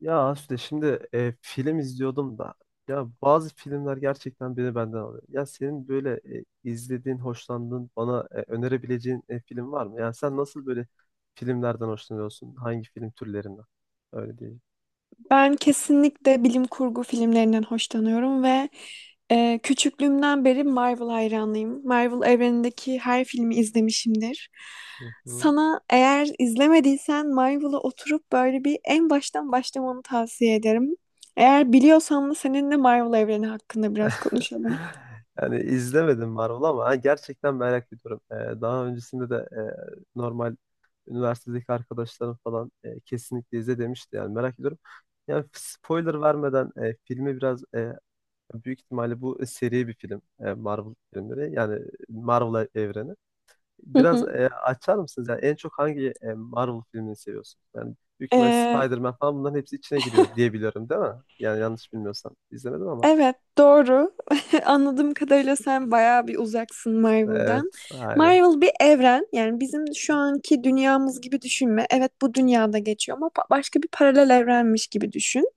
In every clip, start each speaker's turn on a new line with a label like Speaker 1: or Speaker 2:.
Speaker 1: Ya Asude şimdi film izliyordum da ya bazı filmler gerçekten beni benden alıyor. Ya senin böyle izlediğin, hoşlandığın, bana önerebileceğin film var mı? Yani sen nasıl böyle filmlerden hoşlanıyorsun? Hangi film türlerinden? Öyle diyeyim.
Speaker 2: Ben kesinlikle bilim kurgu filmlerinden hoşlanıyorum ve küçüklüğümden beri Marvel hayranıyım. Marvel evrenindeki her filmi izlemişimdir.
Speaker 1: Hı hı.
Speaker 2: Sana eğer izlemediysen Marvel'a oturup böyle bir en baştan başlamanı tavsiye ederim. Eğer biliyorsan da seninle Marvel evreni hakkında biraz konuşalım.
Speaker 1: Yani izlemedim Marvel ama ha, gerçekten merak ediyorum. Daha öncesinde de normal üniversitedeki arkadaşlarım falan kesinlikle izle demişti. Yani merak ediyorum. Yani spoiler vermeden filmi biraz büyük ihtimalle bu seri bir film. Marvel filmleri yani Marvel evreni. Biraz
Speaker 2: Hı
Speaker 1: açar mısınız? Yani en çok hangi Marvel filmini seviyorsunuz? Yani büyük ihtimalle
Speaker 2: hı.
Speaker 1: Spider-Man falan bunların hepsi içine giriyor diye biliyorum, değil mi? Yani yanlış bilmiyorsam. İzlemedim ama.
Speaker 2: Evet, doğru. Anladığım kadarıyla sen bayağı bir uzaksın Marvel'dan.
Speaker 1: Evet, aynen.
Speaker 2: Marvel bir evren. Yani bizim şu anki dünyamız gibi düşünme. Evet, bu dünyada geçiyor ama başka bir paralel evrenmiş gibi düşün.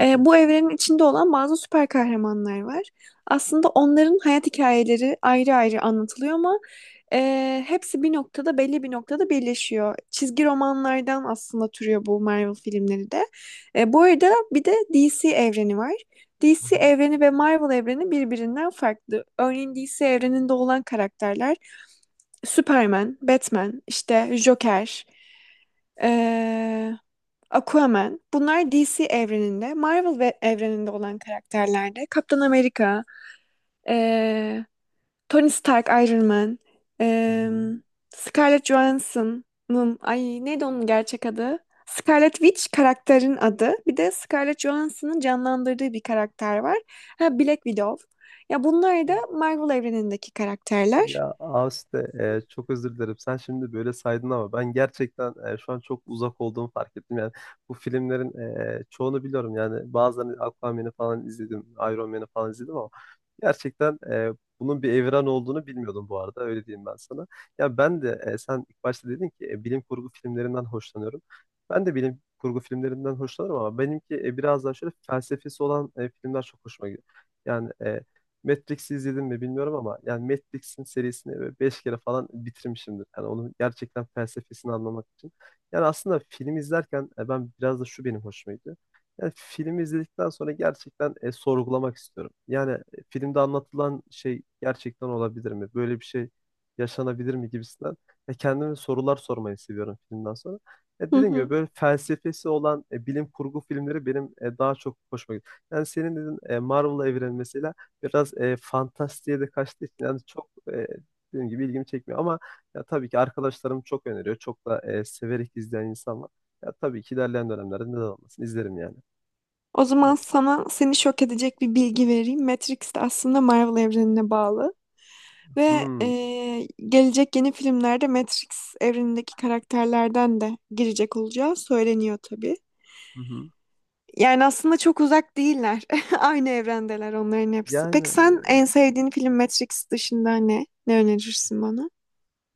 Speaker 2: Bu evrenin içinde olan bazı süper kahramanlar var. Aslında onların hayat hikayeleri ayrı ayrı anlatılıyor ama hepsi bir noktada, belli bir noktada birleşiyor. Çizgi romanlardan aslında türüyor bu Marvel filmleri de. Bu arada bir de DC evreni var.
Speaker 1: Hı
Speaker 2: DC
Speaker 1: hı.
Speaker 2: evreni ve Marvel evreni birbirinden farklı. Örneğin DC evreninde olan karakterler Superman, Batman, işte Joker, eee, Aquaman. Bunlar DC evreninde. Marvel ve evreninde olan karakterlerde, de Kaptan Amerika, ee, Tony Stark, Iron Man,
Speaker 1: Hı
Speaker 2: em, Scarlett Johansson'ın, ay neydi onun gerçek adı? Scarlet Witch karakterin adı. Bir de Scarlett Johansson'ın canlandırdığı bir karakter var. Ha, Black Widow. Ya bunlar da
Speaker 1: hı.
Speaker 2: Marvel evrenindeki karakterler.
Speaker 1: Ya Aste çok özür dilerim. Sen şimdi böyle saydın ama ben gerçekten şu an çok uzak olduğumu fark ettim. Yani bu filmlerin çoğunu biliyorum. Yani bazılarını Aquaman'ı falan izledim, Iron Man'ı falan izledim ama gerçekten bunun bir evren olduğunu bilmiyordum bu arada. Öyle diyeyim ben sana. Ya ben de sen ilk başta dedin ki bilim kurgu filmlerinden hoşlanıyorum. Ben de bilim kurgu filmlerinden hoşlanırım ama benimki biraz daha şöyle felsefesi olan filmler çok hoşuma gidiyor. Yani Matrix'i izledim mi bilmiyorum ama yani Matrix'in serisini böyle beş kere falan bitirmişimdir. Yani onun gerçekten felsefesini anlamak için. Yani aslında film izlerken ben biraz da şu benim hoşuma gidiyor. Yani filmi izledikten sonra gerçekten sorgulamak istiyorum. Yani filmde anlatılan şey gerçekten olabilir mi? Böyle bir şey yaşanabilir mi gibisinden. Kendime sorular sormayı seviyorum filmden sonra.
Speaker 2: Hı
Speaker 1: Dediğim gibi
Speaker 2: hı.
Speaker 1: böyle felsefesi olan bilim kurgu filmleri benim daha çok hoşuma gidiyor. Yani senin dedin Marvel evreni mesela biraz fantastiğe de kaçtığı için yani çok dediğim gibi ilgimi çekmiyor ama ya tabii ki arkadaşlarım çok öneriyor. Çok da severek izleyen insan var. Ya tabii ki ilerleyen dönemlerde neden olmasın, izlerim yani.
Speaker 2: O zaman sana, seni şok edecek bir bilgi vereyim. Matrix de aslında Marvel evrenine bağlı. Ve
Speaker 1: Hmm.
Speaker 2: gelecek yeni filmlerde Matrix evrenindeki karakterlerden de girecek olacağı söyleniyor tabii.
Speaker 1: Hı hı.
Speaker 2: Yani aslında çok uzak değiller. Aynı evrendeler onların hepsi.
Speaker 1: Yani
Speaker 2: Peki sen, en sevdiğin film Matrix dışında ne? Ne önerirsin bana?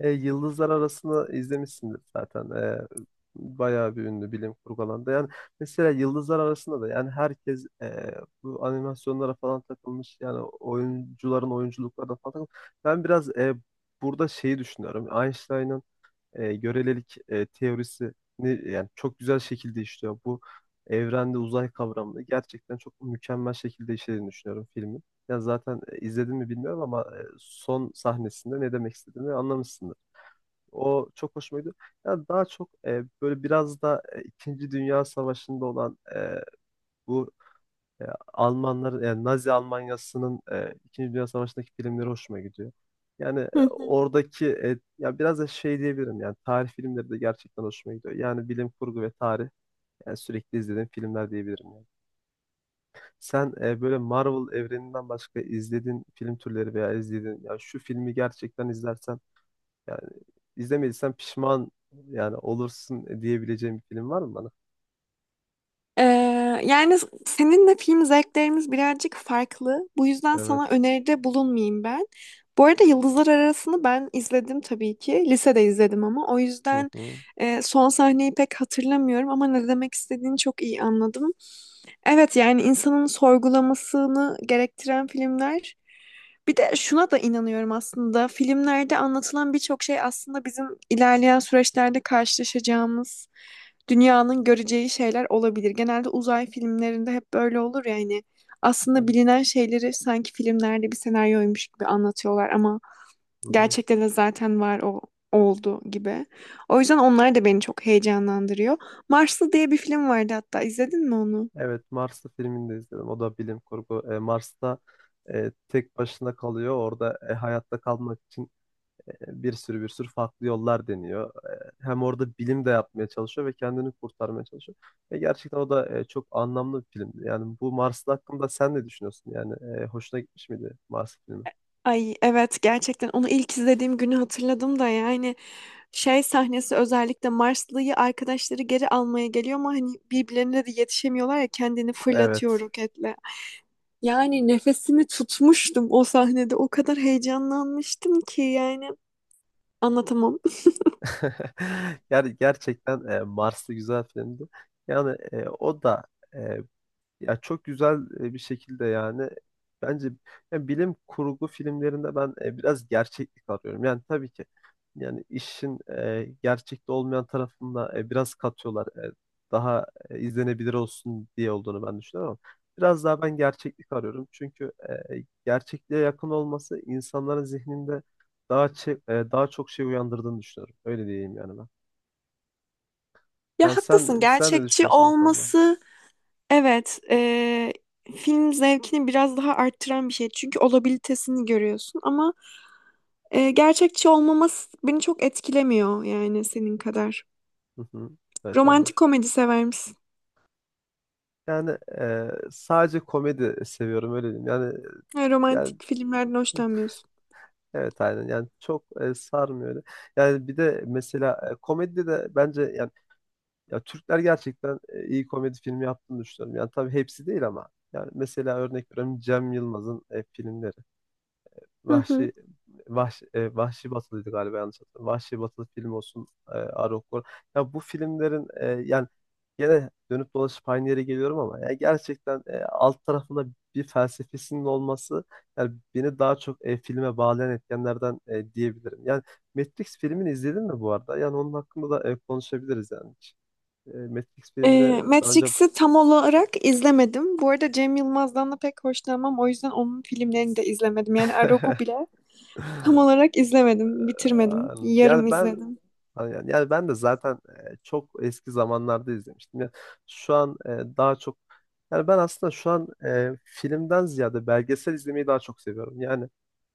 Speaker 1: Yıldızlar Arası'nı izlemişsindir zaten. Bayağı bir ünlü bilim kurgu alanda. Yani mesela Yıldızlar Arası'nda da yani herkes bu animasyonlara falan takılmış. Yani oyuncuların oyunculuklarına falan takılmış. Ben biraz burada şeyi düşünüyorum. Einstein'ın görelilik teorisini yani çok güzel şekilde işliyor. Bu evrende uzay kavramını gerçekten çok mükemmel şekilde işlediğini düşünüyorum filmin. Yani zaten izledin mi bilmiyorum ama son sahnesinde ne demek istediğimi anlamışsındır. O çok hoşuma gidiyor. Yani daha çok böyle biraz da İkinci Dünya Savaşı'nda olan bu e, Almanlar yani Nazi Almanyası'nın İkinci Dünya Savaşı'ndaki filmleri hoşuma gidiyor. Yani oradaki ya biraz da şey diyebilirim yani tarih filmleri de gerçekten hoşuma gidiyor. Yani bilim kurgu ve tarih yani sürekli izlediğim filmler diyebilirim yani. Sen böyle Marvel evreninden başka izlediğin film türleri veya izlediğin ya şu filmi gerçekten izlersen yani izlemediysen pişman yani olursun diyebileceğim bir film var mı bana?
Speaker 2: Ee, yani seninle film zevklerimiz birazcık farklı. Bu yüzden sana
Speaker 1: Evet.
Speaker 2: öneride bulunmayayım ben. Bu arada Yıldızlar Arası'nı ben izledim tabii ki. Lisede izledim ama. O
Speaker 1: Hı
Speaker 2: yüzden
Speaker 1: hı.
Speaker 2: son sahneyi pek hatırlamıyorum ama ne demek istediğini çok iyi anladım. Evet, yani insanın sorgulamasını gerektiren filmler. Bir de şuna da inanıyorum aslında. Filmlerde anlatılan birçok şey aslında bizim ilerleyen süreçlerde karşılaşacağımız, dünyanın göreceği şeyler olabilir. Genelde uzay filmlerinde hep böyle olur yani. Aslında bilinen şeyleri sanki filmlerde bir senaryoymuş gibi anlatıyorlar ama
Speaker 1: Hı hı.
Speaker 2: gerçekte de zaten var, o oldu gibi. O yüzden onlar da beni çok heyecanlandırıyor. Marslı diye bir film vardı hatta. İzledin mi onu?
Speaker 1: Evet, Marslı filmini de izledim. O da bilim kurgu. Mars'ta tek başına kalıyor. Orada hayatta kalmak için bir sürü farklı yollar deniyor. Hem orada bilim de yapmaya çalışıyor ve kendini kurtarmaya çalışıyor. Ve gerçekten o da çok anlamlı bir filmdi. Yani bu Marslı hakkında sen ne düşünüyorsun? Yani hoşuna gitmiş miydi Mars filmi?
Speaker 2: Ay evet, gerçekten onu ilk izlediğim günü hatırladım da yani şey sahnesi, özellikle Marslı'yı arkadaşları geri almaya geliyor ama hani birbirlerine de yetişemiyorlar ya, kendini fırlatıyor
Speaker 1: Evet.
Speaker 2: roketle. Yani nefesimi tutmuştum o sahnede, o kadar heyecanlanmıştım ki yani anlatamam.
Speaker 1: Yani gerçekten Mars'ta güzel filmdi. Yani o da e, ya çok güzel bir şekilde yani bence yani bilim kurgu filmlerinde ben biraz gerçeklik arıyorum. Yani tabii ki yani işin gerçekte olmayan tarafında biraz katıyorlar. Daha izlenebilir olsun diye olduğunu ben düşünüyorum ama biraz daha ben gerçeklik arıyorum. Çünkü gerçekliğe yakın olması insanların zihninde daha çok şey uyandırdığını düşünüyorum. Öyle diyeyim yani ben.
Speaker 2: Ya
Speaker 1: Yani
Speaker 2: haklısın,
Speaker 1: sen ne
Speaker 2: gerçekçi
Speaker 1: düşünüyorsun bu konuda?
Speaker 2: olması evet film zevkini biraz daha arttıran bir şey çünkü olabilitesini görüyorsun ama gerçekçi olmaması beni çok etkilemiyor yani senin kadar.
Speaker 1: Hı hı. Evet, anladım.
Speaker 2: Romantik komedi sever misin?
Speaker 1: Yani sadece komedi seviyorum, öyle diyeyim. Yani
Speaker 2: Ha,
Speaker 1: yani
Speaker 2: romantik filmlerden hoşlanmıyorsun.
Speaker 1: evet aynen, yani çok sarmıyor öyle. Yani bir de mesela komedide de bence yani ya Türkler gerçekten iyi komedi filmi yaptığını düşünüyorum. Yani tabii hepsi değil ama yani mesela örnek veriyorum Cem Yılmaz'ın filmleri.
Speaker 2: Hı hı.
Speaker 1: Vahşi Vahşi, Vahşi Batılıydı galiba, yanlış hatırlamıyorum. Vahşi Batılı film olsun, Arogor. Ya bu filmlerin yani gene dönüp dolaşıp aynı yere geliyorum ama ya gerçekten alt tarafında bir felsefesinin olması yani beni daha çok filme bağlayan etkenlerden diyebilirim. Yani Matrix filmini izledin mi bu arada? Yani onun hakkında da konuşabiliriz yani. Hiç, Matrix filmini daha önce
Speaker 2: Matrix'i tam olarak izlemedim. Bu arada Cem Yılmaz'dan da pek hoşlanmam. O yüzden onun filmlerini de izlemedim. Yani Arog'u bile tam olarak izlemedim.
Speaker 1: Ee,
Speaker 2: Bitirmedim. Yarım
Speaker 1: yani ben
Speaker 2: izledim.
Speaker 1: yani ben de zaten çok eski zamanlarda izlemiştim. Yani şu an daha çok yani ben aslında şu an filmden ziyade belgesel izlemeyi daha çok seviyorum. Yani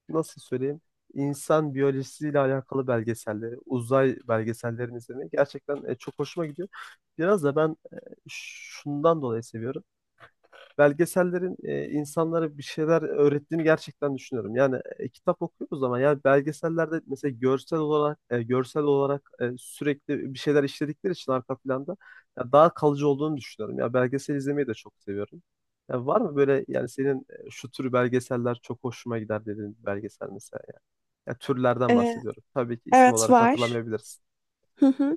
Speaker 1: nasıl söyleyeyim? İnsan biyolojisiyle alakalı belgeselleri, uzay belgesellerini izlemeyi gerçekten çok hoşuma gidiyor. Biraz da ben şundan dolayı seviyorum, belgesellerin insanlara bir şeyler öğrettiğini gerçekten düşünüyorum. Yani kitap okuyoruz ama yani belgesellerde mesela görsel olarak sürekli bir şeyler işledikleri için arka planda ya daha kalıcı olduğunu düşünüyorum. Ya belgesel izlemeyi de çok seviyorum. Ya var mı böyle yani senin şu tür belgeseller çok hoşuma gider dediğin bir belgesel mesela? Ya türlerden
Speaker 2: E,
Speaker 1: bahsediyorum. Tabii ki isim
Speaker 2: evet,
Speaker 1: olarak
Speaker 2: var.
Speaker 1: hatırlamayabilirsin.
Speaker 2: Hı hı.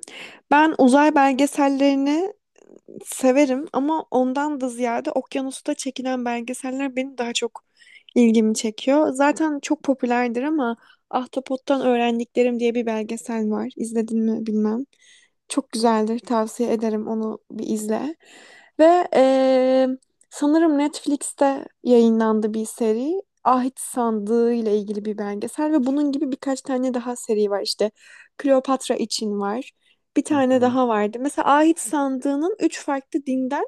Speaker 2: Ben uzay belgesellerini severim ama ondan da ziyade okyanusta çekilen belgeseller benim daha çok ilgimi çekiyor. Zaten çok popülerdir ama Ahtapot'tan Öğrendiklerim diye bir belgesel var. İzledin mi bilmem. Çok güzeldir. Tavsiye ederim, onu bir izle. Ve sanırım Netflix'te yayınlandı bir seri. Ahit Sandığı ile ilgili bir belgesel ve bunun gibi birkaç tane daha seri var. İşte Kleopatra için var. Bir
Speaker 1: Hı
Speaker 2: tane
Speaker 1: hı.
Speaker 2: daha vardı. Mesela Ahit Sandığı'nın üç farklı dinden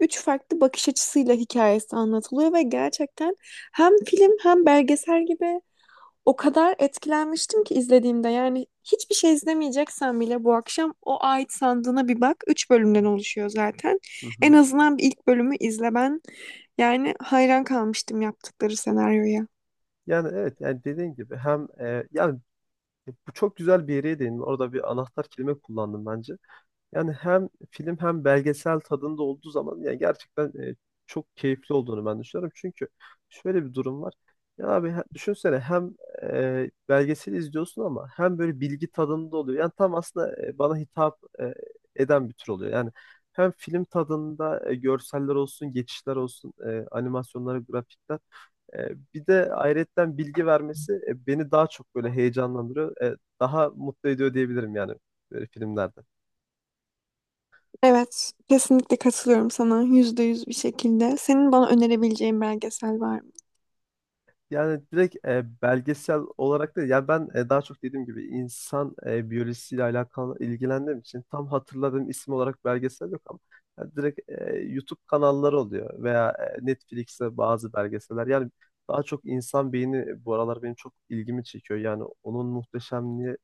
Speaker 2: üç farklı bakış açısıyla hikayesi anlatılıyor ve gerçekten hem film hem belgesel gibi, o kadar etkilenmiştim ki izlediğimde, yani hiçbir şey izlemeyeceksen bile bu akşam o ait sandığına bir bak. 3 bölümden oluşuyor zaten.
Speaker 1: Hı
Speaker 2: En
Speaker 1: hı.
Speaker 2: azından bir ilk bölümü izle ben. Yani hayran kalmıştım yaptıkları senaryoya.
Speaker 1: Yani evet, yani dediğin gibi hem bu çok güzel bir yere değindin. Orada bir anahtar kelime kullandım bence. Yani hem film hem belgesel tadında olduğu zaman yani gerçekten çok keyifli olduğunu ben düşünüyorum. Çünkü şöyle bir durum var. Düşünsene, hem belgeseli izliyorsun ama hem böyle bilgi tadında oluyor. Yani tam aslında bana hitap eden bir tür oluyor. Yani hem film tadında görseller olsun, geçişler olsun, animasyonlar, grafikler. Bir de ayrıyetten bilgi vermesi beni daha çok böyle heyecanlandırıyor. Daha mutlu ediyor diyebilirim yani böyle filmlerde.
Speaker 2: Evet, kesinlikle katılıyorum sana %100 bir şekilde. Senin bana önerebileceğin belgesel var mı?
Speaker 1: Yani direkt belgesel olarak da yani ben daha çok dediğim gibi insan biyolojisiyle alakalı ilgilendiğim için tam hatırladığım isim olarak belgesel yok ama yani direkt YouTube kanalları oluyor veya Netflix'te bazı belgeseller. Yani daha çok insan beyni bu aralar benim çok ilgimi çekiyor. Yani onun muhteşemliği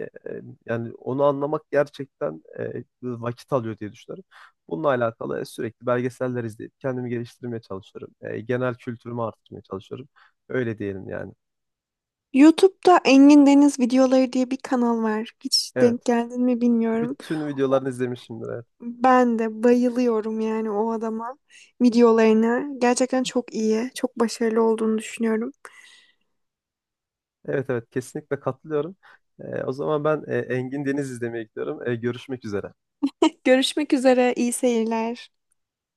Speaker 1: Yani onu anlamak gerçekten vakit alıyor diye düşünüyorum. Bununla alakalı sürekli belgeseller izleyip kendimi geliştirmeye çalışıyorum. Genel kültürümü artırmaya çalışıyorum. Öyle diyelim yani.
Speaker 2: YouTube'da Engin Deniz videoları diye bir kanal var. Hiç denk
Speaker 1: Evet.
Speaker 2: geldin mi bilmiyorum.
Speaker 1: Bütün videolarını izlemişimdir. Evet,
Speaker 2: Ben de bayılıyorum yani o adama, videolarına. Gerçekten çok iyi, çok başarılı olduğunu düşünüyorum.
Speaker 1: evet, evet, kesinlikle katılıyorum. O zaman ben Engin Deniz izlemeye gidiyorum. Görüşmek üzere.
Speaker 2: Görüşmek üzere, iyi seyirler.